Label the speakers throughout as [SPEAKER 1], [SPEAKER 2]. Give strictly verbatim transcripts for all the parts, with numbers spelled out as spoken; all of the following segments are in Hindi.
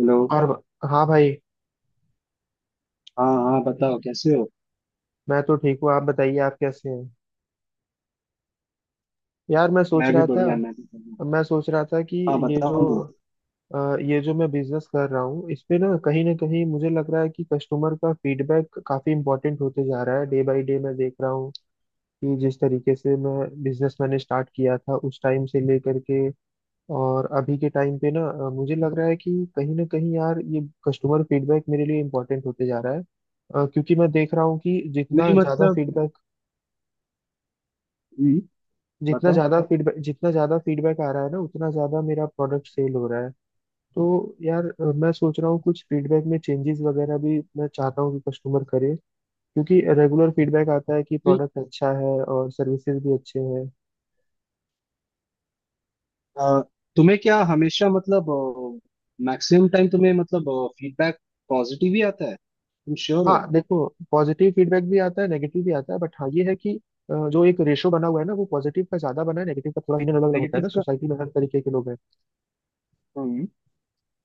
[SPEAKER 1] हेलो।
[SPEAKER 2] और ब- हाँ भाई।
[SPEAKER 1] हाँ हाँ, बताओ कैसे हो।
[SPEAKER 2] मैं तो ठीक हूँ, आप बताइए आप कैसे हैं। यार मैं सोच
[SPEAKER 1] मैं भी
[SPEAKER 2] रहा था,
[SPEAKER 1] बढ़िया, मैं भी बढ़िया।
[SPEAKER 2] मैं सोच रहा था कि
[SPEAKER 1] हाँ
[SPEAKER 2] ये जो
[SPEAKER 1] बताओ ना।
[SPEAKER 2] अ, ये जो मैं बिजनेस कर रहा हूँ इस पे ना, कहीं ना कहीं मुझे लग रहा है कि कस्टमर का फीडबैक काफी इंपॉर्टेंट होते जा रहा है। डे बाय डे मैं देख रहा हूँ कि जिस तरीके से मैं बिजनेस मैंने स्टार्ट किया था उस टाइम से लेकर के और अभी के टाइम पे ना, अ, मुझे लग रहा है कि कहीं ना कहीं यार ये कस्टमर फीडबैक मेरे लिए इंपॉर्टेंट होते जा रहा है। अ, क्योंकि मैं देख रहा हूँ कि
[SPEAKER 1] नहीं
[SPEAKER 2] जितना ज्यादा
[SPEAKER 1] मतलब।
[SPEAKER 2] फीडबैक
[SPEAKER 1] हम्म,
[SPEAKER 2] जितना
[SPEAKER 1] बताओ।
[SPEAKER 2] ज्यादा फीडबैक जितना ज्यादा फीडबैक आ रहा है ना उतना ज्यादा मेरा प्रोडक्ट सेल हो रहा है। तो यार अ, मैं सोच रहा हूँ कुछ फीडबैक में चेंजेस वगैरह भी मैं चाहता हूँ कि कस्टमर करे, क्योंकि रेगुलर फीडबैक आता है कि
[SPEAKER 1] कि,
[SPEAKER 2] प्रोडक्ट अच्छा है और सर्विसेज भी अच्छे हैं।
[SPEAKER 1] अ, तुम्हें क्या हमेशा मतलब मैक्सिमम टाइम तुम्हें मतलब फीडबैक पॉजिटिव ही आता है, तुम श्योर हो?
[SPEAKER 2] हाँ देखो, पॉजिटिव फीडबैक भी आता है, नेगेटिव भी आता है, बट हाँ ये है कि अ, जो एक रेशो बना हुआ है ना वो पॉजिटिव का ज्यादा बना है, नेगेटिव का थोड़ा इन अलग अलग होता है ना,
[SPEAKER 1] नेगेटिव
[SPEAKER 2] सोसाइटी में हर तरीके के लोग हैं।
[SPEAKER 1] का।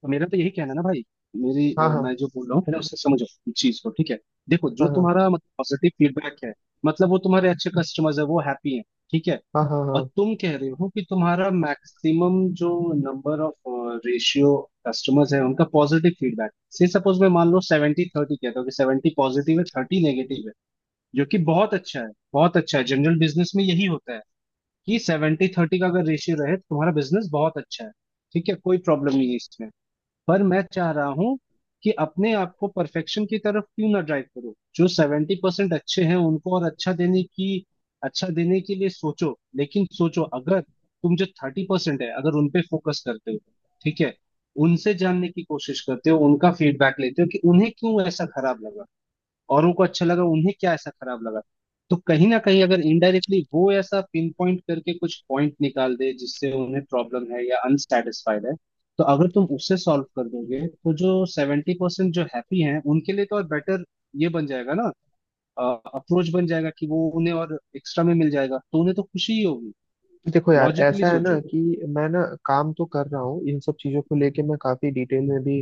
[SPEAKER 1] मेरा तो यही कहना है ना भाई। मेरी
[SPEAKER 2] हाँ
[SPEAKER 1] अ,
[SPEAKER 2] हाँ
[SPEAKER 1] मैं जो बोल रहा हूँ पहले उससे समझो इस चीज को। ठीक है। देखो, जो
[SPEAKER 2] हाँ हाँ।
[SPEAKER 1] तुम्हारा मतलब पॉजिटिव फीडबैक है मतलब वो तुम्हारे अच्छे कस्टमर्स है, वो हैप्पी है। ठीक है।
[SPEAKER 2] हाँ हाँ।
[SPEAKER 1] और
[SPEAKER 2] हाँ
[SPEAKER 1] तुम कह रहे हो कि तुम्हारा मैक्सिमम जो नंबर ऑफ रेशियो कस्टमर्स है उनका पॉजिटिव फीडबैक से सपोज मैं मान लो सेवेंटी थर्टी कहता हूँ कि सेवेंटी पॉजिटिव है, थर्टी नेगेटिव है। जो कि बहुत अच्छा है, बहुत अच्छा है, जनरल बिजनेस में यही होता है कि सेवेंटी थर्टी का अगर रेशियो रहे तो तुम्हारा बिजनेस बहुत अच्छा है। ठीक है, कोई प्रॉब्लम नहीं है इसमें। पर मैं चाह रहा हूं कि अपने आप को परफेक्शन की तरफ क्यों ना ड्राइव करो। जो सेवेंटी परसेंट अच्छे हैं उनको और अच्छा देने की, अच्छा देने के लिए सोचो, लेकिन सोचो अगर तुम जो थर्टी परसेंट है अगर उनपे फोकस करते हो। ठीक है। उनसे जानने की कोशिश करते हो, उनका फीडबैक लेते हो कि उन्हें क्यों ऐसा खराब लगा, औरों को अच्छा लगा, उन्हें क्या ऐसा खराब लगा। तो कहीं ना कहीं अगर इनडायरेक्टली वो ऐसा पिन पॉइंट करके कुछ पॉइंट निकाल दे जिससे उन्हें प्रॉब्लम है या अनसेटिस्फाइड है, तो अगर तुम उससे सॉल्व कर दोगे तो जो सेवेंटी परसेंट जो हैप्पी हैं उनके लिए तो और बेटर ये बन जाएगा ना। अप्रोच बन जाएगा कि वो उन्हें और एक्स्ट्रा में मिल जाएगा तो उन्हें तो खुशी ही होगी।
[SPEAKER 2] देखो यार,
[SPEAKER 1] लॉजिकली
[SPEAKER 2] ऐसा है ना
[SPEAKER 1] सोचो।
[SPEAKER 2] कि मैं ना काम तो कर रहा हूँ इन सब चीज़ों को लेके, मैं काफ़ी डिटेल में भी।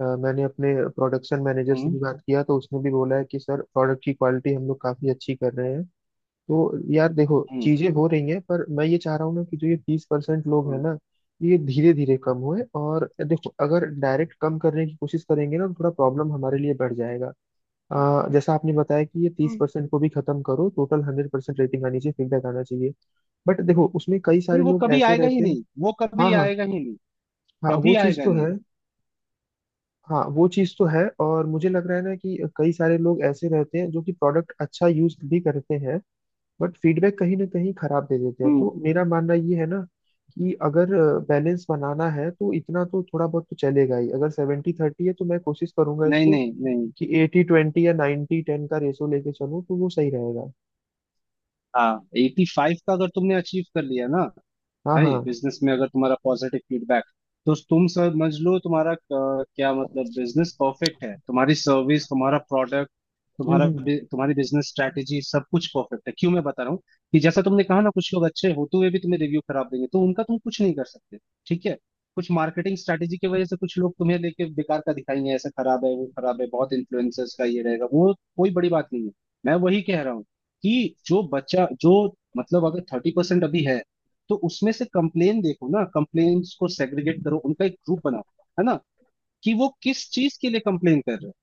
[SPEAKER 2] अ, मैंने अपने प्रोडक्शन मैनेजर से
[SPEAKER 1] हम्म।
[SPEAKER 2] भी बात किया तो उसने भी बोला है कि सर प्रोडक्ट की क्वालिटी हम लोग काफ़ी अच्छी कर रहे हैं। तो यार देखो
[SPEAKER 1] हम्म।
[SPEAKER 2] चीज़ें हो रही हैं पर मैं ये चाह रहा हूँ ना कि जो ये बीस परसेंट लोग हैं
[SPEAKER 1] हम्म।
[SPEAKER 2] ना, ये धीरे धीरे कम होए। और देखो, अगर डायरेक्ट कम करने की कोशिश करेंगे ना तो थोड़ा प्रॉब्लम हमारे लिए बढ़ जाएगा।
[SPEAKER 1] हम्म,
[SPEAKER 2] आ, जैसा आपने बताया कि ये तीस
[SPEAKER 1] हम्म।
[SPEAKER 2] परसेंट को भी खत्म करो, टोटल हंड्रेड परसेंट रेटिंग आनी चाहिए, फीडबैक आना चाहिए। बट देखो उसमें कई
[SPEAKER 1] नहीं,
[SPEAKER 2] सारे
[SPEAKER 1] वो
[SPEAKER 2] लोग
[SPEAKER 1] कभी
[SPEAKER 2] ऐसे
[SPEAKER 1] आएगा ही
[SPEAKER 2] रहते हैं।
[SPEAKER 1] नहीं, वो
[SPEAKER 2] हाँ
[SPEAKER 1] कभी
[SPEAKER 2] हाँ।
[SPEAKER 1] आएगा ही नहीं।
[SPEAKER 2] हाँ वो
[SPEAKER 1] कभी
[SPEAKER 2] चीज़
[SPEAKER 1] आएगा
[SPEAKER 2] तो
[SPEAKER 1] नहीं।
[SPEAKER 2] है। हाँ वो चीज़ तो है, और मुझे लग रहा है ना कि कई सारे लोग ऐसे रहते हैं जो कि प्रोडक्ट अच्छा यूज भी करते हैं बट फीडबैक कहीं ना कहीं खराब दे देते हैं।
[SPEAKER 1] हम्म।
[SPEAKER 2] तो मेरा मानना ये है ना कि अगर बैलेंस बनाना है तो इतना तो थोड़ा बहुत तो चलेगा ही। अगर सेवेंटी थर्टी है तो मैं कोशिश करूंगा
[SPEAKER 1] नहीं
[SPEAKER 2] इसको
[SPEAKER 1] नहीं नहीं।
[SPEAKER 2] कि एटी ट्वेंटी या नाइन्टी टेन का रेशो लेके चलूँ तो वो सही रहेगा।
[SPEAKER 1] हाँ, एटी फाइव का अगर तुमने अचीव कर लिया ना
[SPEAKER 2] हाँ
[SPEAKER 1] भाई,
[SPEAKER 2] हाँ।
[SPEAKER 1] बिजनेस में अगर तुम्हारा पॉजिटिव फीडबैक, तो तुम समझ लो तुम्हारा अ, क्या मतलब बिजनेस परफेक्ट है, तुम्हारी सर्विस, तुम्हारा प्रोडक्ट, तुम्हारा
[SPEAKER 2] हम्म
[SPEAKER 1] बि- तुम्हारी बिजनेस स्ट्रैटेजी सब कुछ परफेक्ट है। क्यों मैं बता रहा हूँ कि जैसा तुमने कहा ना, कुछ लोग अच्छे होते हुए भी तुम्हें रिव्यू खराब देंगे तो उनका तुम कुछ नहीं कर सकते। ठीक है। कुछ मार्केटिंग स्ट्रैटेजी की वजह से कुछ लोग तुम्हें लेके बेकार का दिखाएंगे, ऐसा खराब है वो खराब है, बहुत इन्फ्लुएंसर्स का ये रहेगा, वो कोई बड़ी बात नहीं है। मैं वही कह रहा हूँ कि जो बच्चा जो मतलब अगर थर्टी परसेंट अभी है तो उसमें से कंप्लेन देखो ना, कंप्लेन्ट्स को सेग्रीगेट करो, उनका एक ग्रुप बनाओ, है ना, कि वो किस चीज के लिए कंप्लेन कर रहे हैं।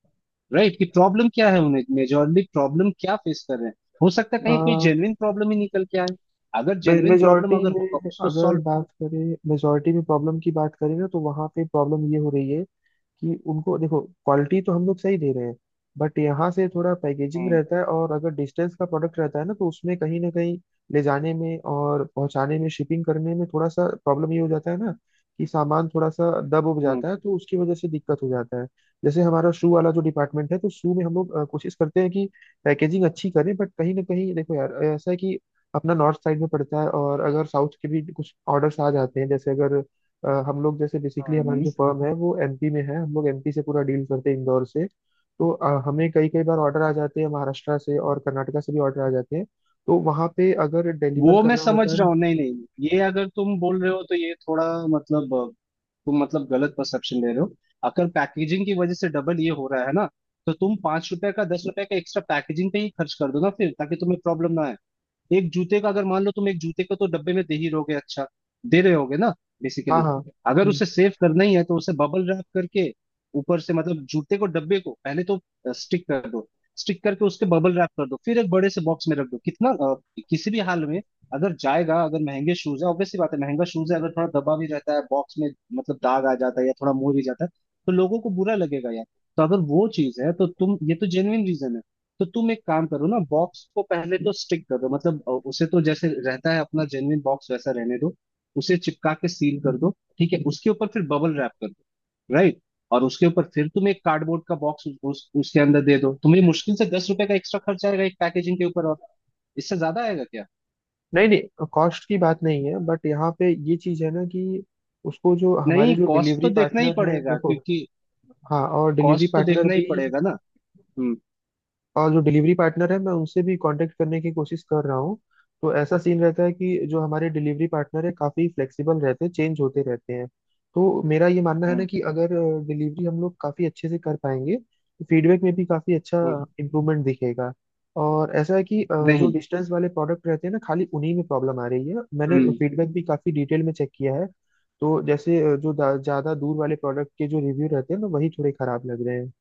[SPEAKER 1] राइट, कि प्रॉब्लम क्या है, उन्हें मेजोरली प्रॉब्लम क्या फेस कर रहे हैं। हो सकता है कहीं कोई
[SPEAKER 2] हम्म।
[SPEAKER 1] जेन्युइन प्रॉब्लम ही निकल के आए। अगर जेन्युइन प्रॉब्लम
[SPEAKER 2] मेजोरिटी
[SPEAKER 1] अगर होगा
[SPEAKER 2] में
[SPEAKER 1] उसको
[SPEAKER 2] अगर
[SPEAKER 1] सॉल्व।
[SPEAKER 2] बात करें, मेजोरिटी में प्रॉब्लम की बात करें ना तो वहाँ पे प्रॉब्लम ये हो रही है कि उनको देखो क्वालिटी तो हम लोग सही दे रहे हैं बट यहाँ से थोड़ा पैकेजिंग
[SPEAKER 1] हम्म।
[SPEAKER 2] रहता है, और अगर डिस्टेंस का प्रोडक्ट रहता है ना तो उसमें कहीं ना कहीं ले जाने में और पहुंचाने में, शिपिंग करने में थोड़ा सा प्रॉब्लम ये हो जाता है ना कि सामान थोड़ा सा दब उब
[SPEAKER 1] हम्म।
[SPEAKER 2] जाता है तो उसकी वजह से दिक्कत हो जाता है। जैसे हमारा शू वाला जो डिपार्टमेंट है, तो शू में हम लोग अ, कोशिश करते हैं कि पैकेजिंग अच्छी करें, बट कहीं ना कहीं देखो यार ऐसा है कि अपना नॉर्थ साइड में पड़ता है और अगर साउथ के भी कुछ ऑर्डर्स आ जाते हैं। जैसे अगर अ, हम लोग जैसे बेसिकली हमारी
[SPEAKER 1] हम्म,
[SPEAKER 2] जो फर्म है वो एम पी में है, हम लोग एम पी से पूरा डील करते हैं इंदौर से। तो अ, हमें कई कई बार
[SPEAKER 1] हाँ,
[SPEAKER 2] ऑर्डर आ जाते हैं महाराष्ट्र से, और कर्नाटका से भी ऑर्डर आ जाते हैं। तो वहाँ पे अगर डिलीवर
[SPEAKER 1] वो मैं
[SPEAKER 2] करना
[SPEAKER 1] समझ
[SPEAKER 2] होता है।
[SPEAKER 1] रहा हूँ। नहीं नहीं, ये अगर तुम बोल रहे हो तो ये थोड़ा मतलब, तुम मतलब गलत परसेप्शन ले रहे हो। अगर पैकेजिंग की वजह से डबल ये हो रहा है ना, तो तुम पांच रुपए का दस रुपए का एक्स्ट्रा पैकेजिंग पे ही खर्च कर दो ना फिर, ताकि तुम्हें प्रॉब्लम ना आए। एक जूते का अगर मान लो, तुम एक जूते का तो डब्बे में दे ही रहोगे। अच्छा दे रहे होगे ना,
[SPEAKER 2] हाँ
[SPEAKER 1] बेसिकली।
[SPEAKER 2] हाँ।
[SPEAKER 1] अगर
[SPEAKER 2] हम्म।
[SPEAKER 1] उसे सेव करना ही है तो उसे बबल रैप करके ऊपर से, मतलब जूते को डब्बे को पहले तो स्टिक कर दो, स्टिक करके उसके बबल रैप कर दो, फिर एक बड़े से बॉक्स में रख दो। कितना अ, किसी भी हाल में अगर जाएगा, अगर महंगे शूज है, ऑब्वियस सी बात है, महंगा शूज है अगर थोड़ा दबा भी रहता है बॉक्स में, मतलब दाग आ जाता है या थोड़ा मुड़ भी जाता है, तो लोगों को बुरा लगेगा यार। तो अगर वो चीज है तो तुम ये तो जेन्युइन रीजन है। तो तुम एक काम करो ना, बॉक्स को पहले तो स्टिक कर दो, मतलब अ, उसे तो जैसे रहता है अपना जेन्युइन बॉक्स वैसा रहने दो, उसे चिपका के सील कर दो। ठीक है। उसके ऊपर फिर बबल रैप कर दो, राइट। और उसके ऊपर फिर तुम एक कार्डबोर्ड का बॉक्स उस, उस, उसके अंदर दे दो, तुम्हें मुश्किल से दस रुपए का एक्स्ट्रा खर्च आएगा एक पैकेजिंग के ऊपर। और इससे ज्यादा आएगा क्या?
[SPEAKER 2] नहीं नहीं, कॉस्ट की बात नहीं है, बट यहाँ पे ये चीज़ है ना कि उसको जो हमारे
[SPEAKER 1] नहीं,
[SPEAKER 2] जो
[SPEAKER 1] कॉस्ट
[SPEAKER 2] डिलीवरी
[SPEAKER 1] तो देखना ही
[SPEAKER 2] पार्टनर है
[SPEAKER 1] पड़ेगा
[SPEAKER 2] देखो।
[SPEAKER 1] क्योंकि
[SPEAKER 2] हाँ और डिलीवरी
[SPEAKER 1] कॉस्ट तो
[SPEAKER 2] पार्टनर
[SPEAKER 1] देखना ही
[SPEAKER 2] भी,
[SPEAKER 1] पड़ेगा ना। हम्म।
[SPEAKER 2] और जो डिलीवरी पार्टनर है मैं उनसे भी कांटेक्ट करने की कोशिश कर रहा हूँ। तो ऐसा सीन रहता है कि जो हमारे डिलीवरी पार्टनर है काफ़ी फ्लेक्सिबल रहते हैं, चेंज होते रहते हैं। तो मेरा ये मानना है ना
[SPEAKER 1] हम्म।
[SPEAKER 2] कि अगर डिलीवरी हम लोग काफ़ी अच्छे से कर पाएंगे तो फीडबैक में भी काफ़ी अच्छा
[SPEAKER 1] हम्म,
[SPEAKER 2] इम्प्रूवमेंट दिखेगा। और ऐसा है कि अ, जो
[SPEAKER 1] नहीं।
[SPEAKER 2] डिस्टेंस वाले प्रोडक्ट रहते हैं ना, खाली उन्हीं में प्रॉब्लम आ रही है, मैंने
[SPEAKER 1] हम्म।
[SPEAKER 2] फीडबैक भी काफ़ी डिटेल में चेक किया है। तो जैसे अ, जो ज़्यादा दूर वाले प्रोडक्ट के जो रिव्यू रहते हैं ना वही थोड़े खराब लग रहे हैं।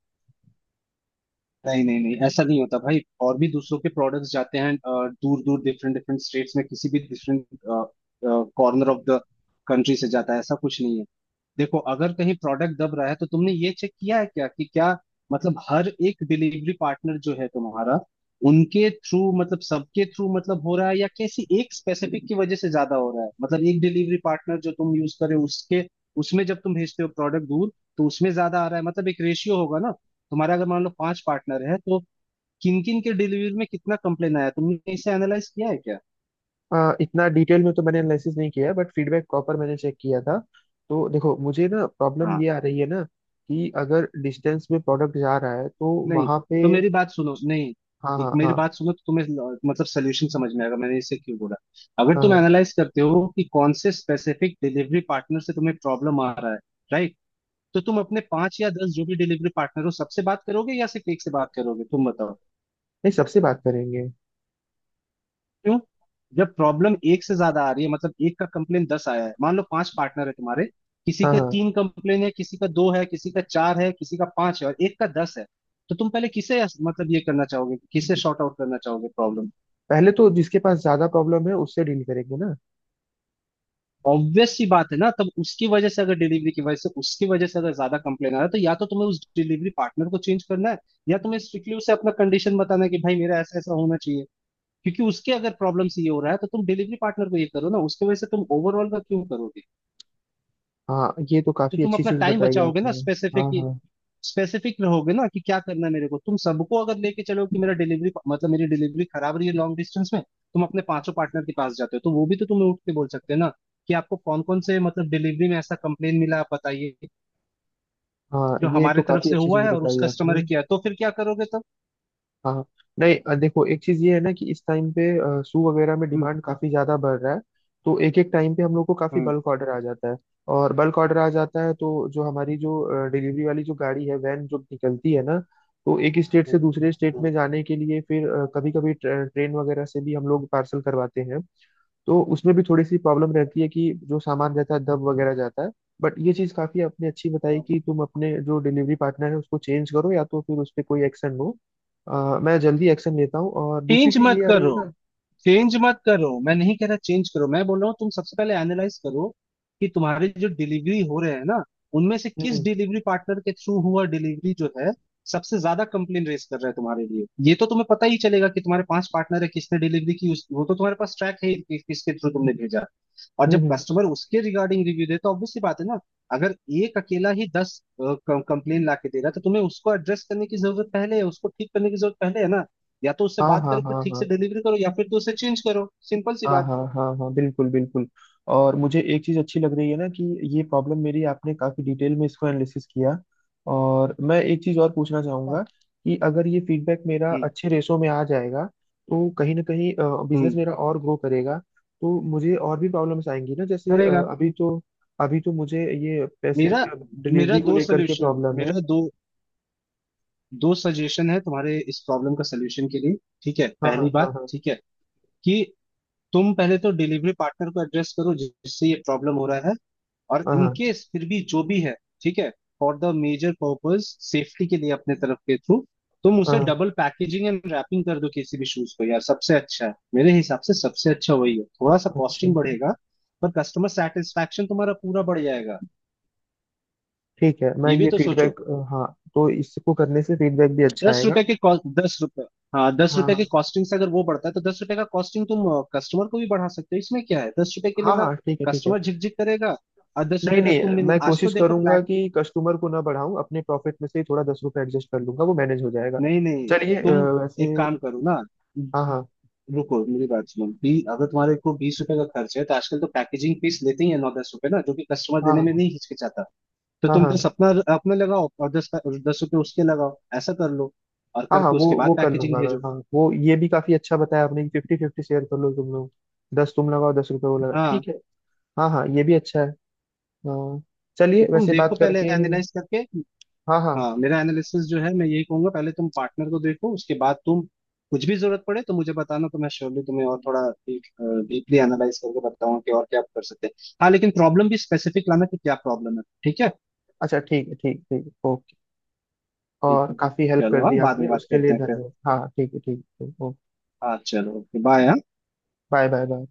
[SPEAKER 1] नहीं नहीं नहीं, ऐसा नहीं होता भाई, और भी दूसरों के प्रोडक्ट्स जाते हैं दूर दूर डिफरेंट डिफरेंट स्टेट्स में, किसी भी different corner of the country से जाता है, ऐसा कुछ नहीं है। देखो अगर कहीं प्रोडक्ट दब रहा है, तो तुमने ये चेक किया है क्या कि क्या मतलब हर एक डिलीवरी पार्टनर जो है तुम्हारा उनके थ्रू मतलब सबके थ्रू मतलब हो रहा है, या किसी एक स्पेसिफिक की वजह से ज्यादा हो रहा है, मतलब एक डिलीवरी पार्टनर जो तुम यूज करे उसके, उसमें जब तुम भेजते हो प्रोडक्ट दूर, तो उसमें ज्यादा आ रहा है मतलब एक रेशियो होगा ना, तुम्हारा अगर मान लो पांच पार्टनर है तो किन किन के डिलीवरी में कितना कंप्लेन आया, तुमने इसे एनालाइज किया है
[SPEAKER 2] आ, इतना डिटेल में तो मैंने एनालिसिस नहीं किया है, बट फीडबैक प्रॉपर मैंने चेक किया था। तो देखो मुझे ना प्रॉब्लम
[SPEAKER 1] क्या?
[SPEAKER 2] ये आ रही है ना कि अगर डिस्टेंस में प्रोडक्ट जा रहा है तो
[SPEAKER 1] नहीं
[SPEAKER 2] वहां पे।
[SPEAKER 1] तो मेरी बात सुनो, नहीं
[SPEAKER 2] हाँ
[SPEAKER 1] एक
[SPEAKER 2] हाँ
[SPEAKER 1] मेरी
[SPEAKER 2] हाँ।
[SPEAKER 1] बात सुनो तो तुम्हें ल- मतलब सोल्यूशन समझ में आएगा मैंने इसे क्यों बोला। अगर
[SPEAKER 2] हाँ
[SPEAKER 1] तुम
[SPEAKER 2] हाँ
[SPEAKER 1] एनालाइज करते हो कि कौन से स्पेसिफिक डिलीवरी पार्टनर से तुम्हें प्रॉब्लम आ रहा है, राइट, तो तुम अपने पांच या दस जो भी डिलीवरी पार्टनर हो सबसे बात करोगे या सिर्फ एक से बात करोगे, तुम बताओ।
[SPEAKER 2] नहीं, सबसे बात करेंगे।
[SPEAKER 1] क्यों? जब प्रॉब्लम एक से ज्यादा आ रही है, मतलब एक का कंप्लेन दस आया है, मान लो पांच पार्टनर है तुम्हारे, किसी
[SPEAKER 2] हाँ
[SPEAKER 1] के
[SPEAKER 2] हाँ,
[SPEAKER 1] तीन कंप्लेन है, किसी का दो है, किसी का चार है, किसी का पांच है और एक का दस है, तो तुम पहले किसे मतलब ये करना चाहोगे, किसे शॉर्ट आउट करना चाहोगे प्रॉब्लम?
[SPEAKER 2] पहले तो जिसके पास ज्यादा प्रॉब्लम है उससे डील करेंगे ना।
[SPEAKER 1] ऑब्वियस सी बात है ना, तब उसकी वजह से अगर डिलीवरी की वजह से उसकी वजह से अगर ज्यादा कंप्लेन आ रहा है, तो या तो तुम्हें उस डिलीवरी पार्टनर को चेंज करना है, या तुम्हें स्ट्रिक्टली उसे अपना कंडीशन बताना है कि भाई मेरा ऐसा ऐसा होना चाहिए, क्योंकि उसके अगर प्रॉब्लम से ये हो रहा है तो तुम डिलीवरी पार्टनर को ये करो ना, उसकी वजह से तुम ओवरऑल का क्यों करोगे?
[SPEAKER 2] हाँ, ये तो
[SPEAKER 1] तो
[SPEAKER 2] काफी
[SPEAKER 1] तुम
[SPEAKER 2] अच्छी
[SPEAKER 1] अपना
[SPEAKER 2] चीज
[SPEAKER 1] टाइम
[SPEAKER 2] बताई है
[SPEAKER 1] बचाओगे ना,
[SPEAKER 2] आपने।
[SPEAKER 1] स्पेसिफिक,
[SPEAKER 2] हाँ हाँ।
[SPEAKER 1] स्पेसिफिक रहोगे ना, कि क्या करना है मेरे को। तुम सबको अगर लेके चलो कि मेरा डिलीवरी मतलब मेरी डिलीवरी खराब रही है लॉन्ग डिस्टेंस में, तुम अपने पांचों पार्टनर के पास जाते हो, तो वो भी तो तुम्हें उठ के बोल सकते हैं ना कि आपको कौन कौन से मतलब डिलीवरी में ऐसा कंप्लेन मिला, आप बताइए
[SPEAKER 2] हाँ,
[SPEAKER 1] जो
[SPEAKER 2] ये
[SPEAKER 1] हमारे
[SPEAKER 2] तो
[SPEAKER 1] तरफ
[SPEAKER 2] काफी
[SPEAKER 1] से
[SPEAKER 2] अच्छी
[SPEAKER 1] हुआ
[SPEAKER 2] चीज
[SPEAKER 1] है और उस
[SPEAKER 2] बताई है
[SPEAKER 1] कस्टमर
[SPEAKER 2] आपने।
[SPEAKER 1] ने किया है। तो फिर क्या करोगे तुम?
[SPEAKER 2] हाँ। नहीं अ, देखो एक चीज ये है ना कि इस टाइम पे शू वगैरह में
[SPEAKER 1] हम्म।
[SPEAKER 2] डिमांड काफी ज्यादा बढ़ रहा है। तो एक एक टाइम पे हम लोग को काफी
[SPEAKER 1] हम्म।
[SPEAKER 2] बल्क ऑर्डर आ जाता है। और बल्क ऑर्डर आ जाता है तो जो हमारी जो डिलीवरी वाली जो गाड़ी है, वैन जो निकलती है ना, तो एक स्टेट से
[SPEAKER 1] हम्म,
[SPEAKER 2] दूसरे स्टेट में
[SPEAKER 1] हम्म,
[SPEAKER 2] जाने के लिए फिर कभी कभी ट्रेन वगैरह से भी हम लोग पार्सल करवाते हैं। तो उसमें भी थोड़ी सी प्रॉब्लम रहती है कि जो सामान रहता है दब वगैरह जाता है। बट ये चीज़ काफ़ी आपने अच्छी बताई
[SPEAKER 1] हम्म।
[SPEAKER 2] कि तुम अपने जो डिलीवरी पार्टनर है उसको चेंज करो या तो फिर उस पर कोई एक्शन लो। अ, मैं जल्दी एक्शन लेता हूँ, और दूसरी
[SPEAKER 1] चेंज
[SPEAKER 2] चीज़
[SPEAKER 1] मत
[SPEAKER 2] ये आ रही
[SPEAKER 1] करो,
[SPEAKER 2] है ना।
[SPEAKER 1] चेंज मत करो, मैं नहीं कह रहा चेंज करो, मैं बोल रहा हूँ तुम सबसे पहले एनालाइज करो कि तुम्हारे जो डिलीवरी हो रहे हैं ना, उनमें से किस
[SPEAKER 2] हम्म
[SPEAKER 1] डिलीवरी पार्टनर के थ्रू हुआ डिलीवरी, जो है सबसे ज्यादा कंप्लेन रेस कर रहा है तुम्हारे लिए। ये तो तुम्हें पता ही चलेगा कि तुम्हारे पांच पार्टनर है, किसने डिलीवरी की, उस- वो तो तुम्हारे पास ट्रैक है कि किसके थ्रू तुमने भेजा, और
[SPEAKER 2] हम्म
[SPEAKER 1] जब
[SPEAKER 2] हम्म।
[SPEAKER 1] कस्टमर उसके रिगार्डिंग रिव्यू दे तो ऑब्वियस सी बात है ना। अगर एक अकेला ही दस कंप्लेन ला के दे रहा है, तो तुम्हें उसको एड्रेस करने की जरूरत पहले है, उसको ठीक करने की जरूरत पहले है ना। या तो उससे
[SPEAKER 2] हाँ
[SPEAKER 1] बात
[SPEAKER 2] हाँ
[SPEAKER 1] करो कि
[SPEAKER 2] हाँ।
[SPEAKER 1] ठीक
[SPEAKER 2] हाँ
[SPEAKER 1] से डिलीवरी करो, या फिर तो उसे चेंज करो, सिंपल सी
[SPEAKER 2] हाँ
[SPEAKER 1] बात।
[SPEAKER 2] हाँ हाँ हाँ बिल्कुल बिल्कुल। और मुझे एक चीज़ अच्छी लग रही है ना कि ये प्रॉब्लम मेरी आपने काफ़ी डिटेल में इसको एनालिसिस किया। और मैं एक चीज़ और पूछना चाहूँगा कि अगर ये फीडबैक मेरा
[SPEAKER 1] हम्म।
[SPEAKER 2] अच्छे रेशो में आ जाएगा तो कहीं ना कहीं बिजनेस
[SPEAKER 1] हम्म।
[SPEAKER 2] मेरा और ग्रो करेगा। तो मुझे और भी प्रॉब्लम्स आएंगी ना। जैसे अ,
[SPEAKER 1] करेगा।
[SPEAKER 2] अभी तो, अभी तो मुझे ये पैसे
[SPEAKER 1] मेरा मेरा
[SPEAKER 2] डिलीवरी को
[SPEAKER 1] दो
[SPEAKER 2] लेकर के
[SPEAKER 1] सोल्यूशन।
[SPEAKER 2] प्रॉब्लम है।
[SPEAKER 1] मेरा दो, दो सजेशन है तुम्हारे इस प्रॉब्लम का सलूशन के लिए। ठीक है,
[SPEAKER 2] हाँ हाँ
[SPEAKER 1] पहली
[SPEAKER 2] हाँ
[SPEAKER 1] बात
[SPEAKER 2] हाँ
[SPEAKER 1] ठीक है कि तुम पहले तो डिलीवरी पार्टनर को एड्रेस करो जिससे ये प्रॉब्लम हो रहा है। और
[SPEAKER 2] हाँ
[SPEAKER 1] इन
[SPEAKER 2] हाँ
[SPEAKER 1] केस फिर भी जो भी है, ठीक है, for the major purpose safety के लिए अपने तरफ के थ्रू तुम उसे
[SPEAKER 2] हाँ।
[SPEAKER 1] डबल पैकेजिंग एंड रैपिंग कर दो किसी भी शूज को यार, सबसे अच्छा है मेरे हिसाब से, सबसे अच्छा वही है। थोड़ा सा
[SPEAKER 2] अच्छा
[SPEAKER 1] कॉस्टिंग बढ़ेगा पर कस्टमर सेटिस्फेक्शन तुम्हारा पूरा बढ़ जाएगा,
[SPEAKER 2] ठीक है, मैं
[SPEAKER 1] ये भी
[SPEAKER 2] ये
[SPEAKER 1] तो सोचो।
[SPEAKER 2] फीडबैक। हाँ तो इसको करने से फीडबैक भी अच्छा
[SPEAKER 1] दस
[SPEAKER 2] आएगा।
[SPEAKER 1] रुपए के कॉस्ट, दस रुपए, हाँ दस
[SPEAKER 2] हाँ
[SPEAKER 1] रुपए के
[SPEAKER 2] हाँ।
[SPEAKER 1] कॉस्टिंग से अगर वो बढ़ता है तो दस रुपए का कॉस्टिंग तुम कस्टमर को भी बढ़ा सकते हो, इसमें क्या है दस रुपए के लिए
[SPEAKER 2] हाँ
[SPEAKER 1] ना,
[SPEAKER 2] हाँ ठीक है ठीक है।
[SPEAKER 1] कस्टमर झिकझिक करेगा, और दस
[SPEAKER 2] नहीं
[SPEAKER 1] रुपए का
[SPEAKER 2] नहीं,
[SPEAKER 1] तुम भी नहीं,
[SPEAKER 2] मैं
[SPEAKER 1] आज तो
[SPEAKER 2] कोशिश
[SPEAKER 1] देखो।
[SPEAKER 2] करूंगा कि कस्टमर को ना बढ़ाऊं, अपने प्रॉफिट में से ही थोड़ा दस रुपये एडजस्ट कर लूंगा, वो मैनेज हो जाएगा।
[SPEAKER 1] नहीं नहीं।
[SPEAKER 2] चलिए अ,
[SPEAKER 1] तुम
[SPEAKER 2] वैसे।
[SPEAKER 1] एक काम करो ना,
[SPEAKER 2] हाँ हाँ
[SPEAKER 1] रुको मेरी बात सुनो बी, अगर तुम्हारे को बीस रुपए का खर्च है तो आजकल तो पैकेजिंग फीस लेते ही है नौ दस रुपए ना, जो कि कस्टमर देने में
[SPEAKER 2] हाँ
[SPEAKER 1] नहीं हिचकिचाता, तो
[SPEAKER 2] हाँ।
[SPEAKER 1] तुम
[SPEAKER 2] हाँ
[SPEAKER 1] दस अपना अपने लगाओ और दस दस रुपए उसके लगाओ, ऐसा कर लो। और
[SPEAKER 2] हाँ हाँ,
[SPEAKER 1] करके
[SPEAKER 2] वो
[SPEAKER 1] उसके बाद
[SPEAKER 2] वो कर
[SPEAKER 1] पैकेजिंग
[SPEAKER 2] लूंगा मैं।
[SPEAKER 1] भेजो।
[SPEAKER 2] हाँ वो, ये भी काफी अच्छा बताया आपने कि फिफ्टी फिफ्टी शेयर कर लो तुम लोग, दस तुम लगाओ दस रुपये वो लगा,
[SPEAKER 1] हाँ,
[SPEAKER 2] ठीक है। हाँ हाँ, ये भी अच्छा है। हाँ,
[SPEAKER 1] तो
[SPEAKER 2] चलिए
[SPEAKER 1] तुम
[SPEAKER 2] वैसे
[SPEAKER 1] देखो
[SPEAKER 2] बात
[SPEAKER 1] पहले
[SPEAKER 2] करके।
[SPEAKER 1] एनालाइज करके।
[SPEAKER 2] हाँ हाँ,
[SPEAKER 1] हाँ, मेरा एनालिसिस जो है मैं यही कहूंगा, पहले तुम पार्टनर को देखो, उसके बाद तुम कुछ भी जरूरत पड़े तो मुझे बताना, तो मैं श्योरली तुम्हें और थोड़ा डीपली एनालाइज करके बताऊंगा कि और क्या कर सकते हैं। हाँ लेकिन प्रॉब्लम भी स्पेसिफिक लाना कि क्या प्रॉब्लम है, ठीक है?
[SPEAKER 2] अच्छा ठीक है, ठीक ठीक, ओके।
[SPEAKER 1] ठीक
[SPEAKER 2] और
[SPEAKER 1] है,
[SPEAKER 2] काफी हेल्प
[SPEAKER 1] चलो,
[SPEAKER 2] कर
[SPEAKER 1] हाँ
[SPEAKER 2] दी
[SPEAKER 1] बाद
[SPEAKER 2] आपने,
[SPEAKER 1] में बात
[SPEAKER 2] उसके
[SPEAKER 1] करते
[SPEAKER 2] लिए
[SPEAKER 1] हैं फिर।
[SPEAKER 2] धन्यवाद। हाँ ठीक है ठीक है, ओके।
[SPEAKER 1] हाँ चलो, okay, bye.
[SPEAKER 2] Bye bye bye.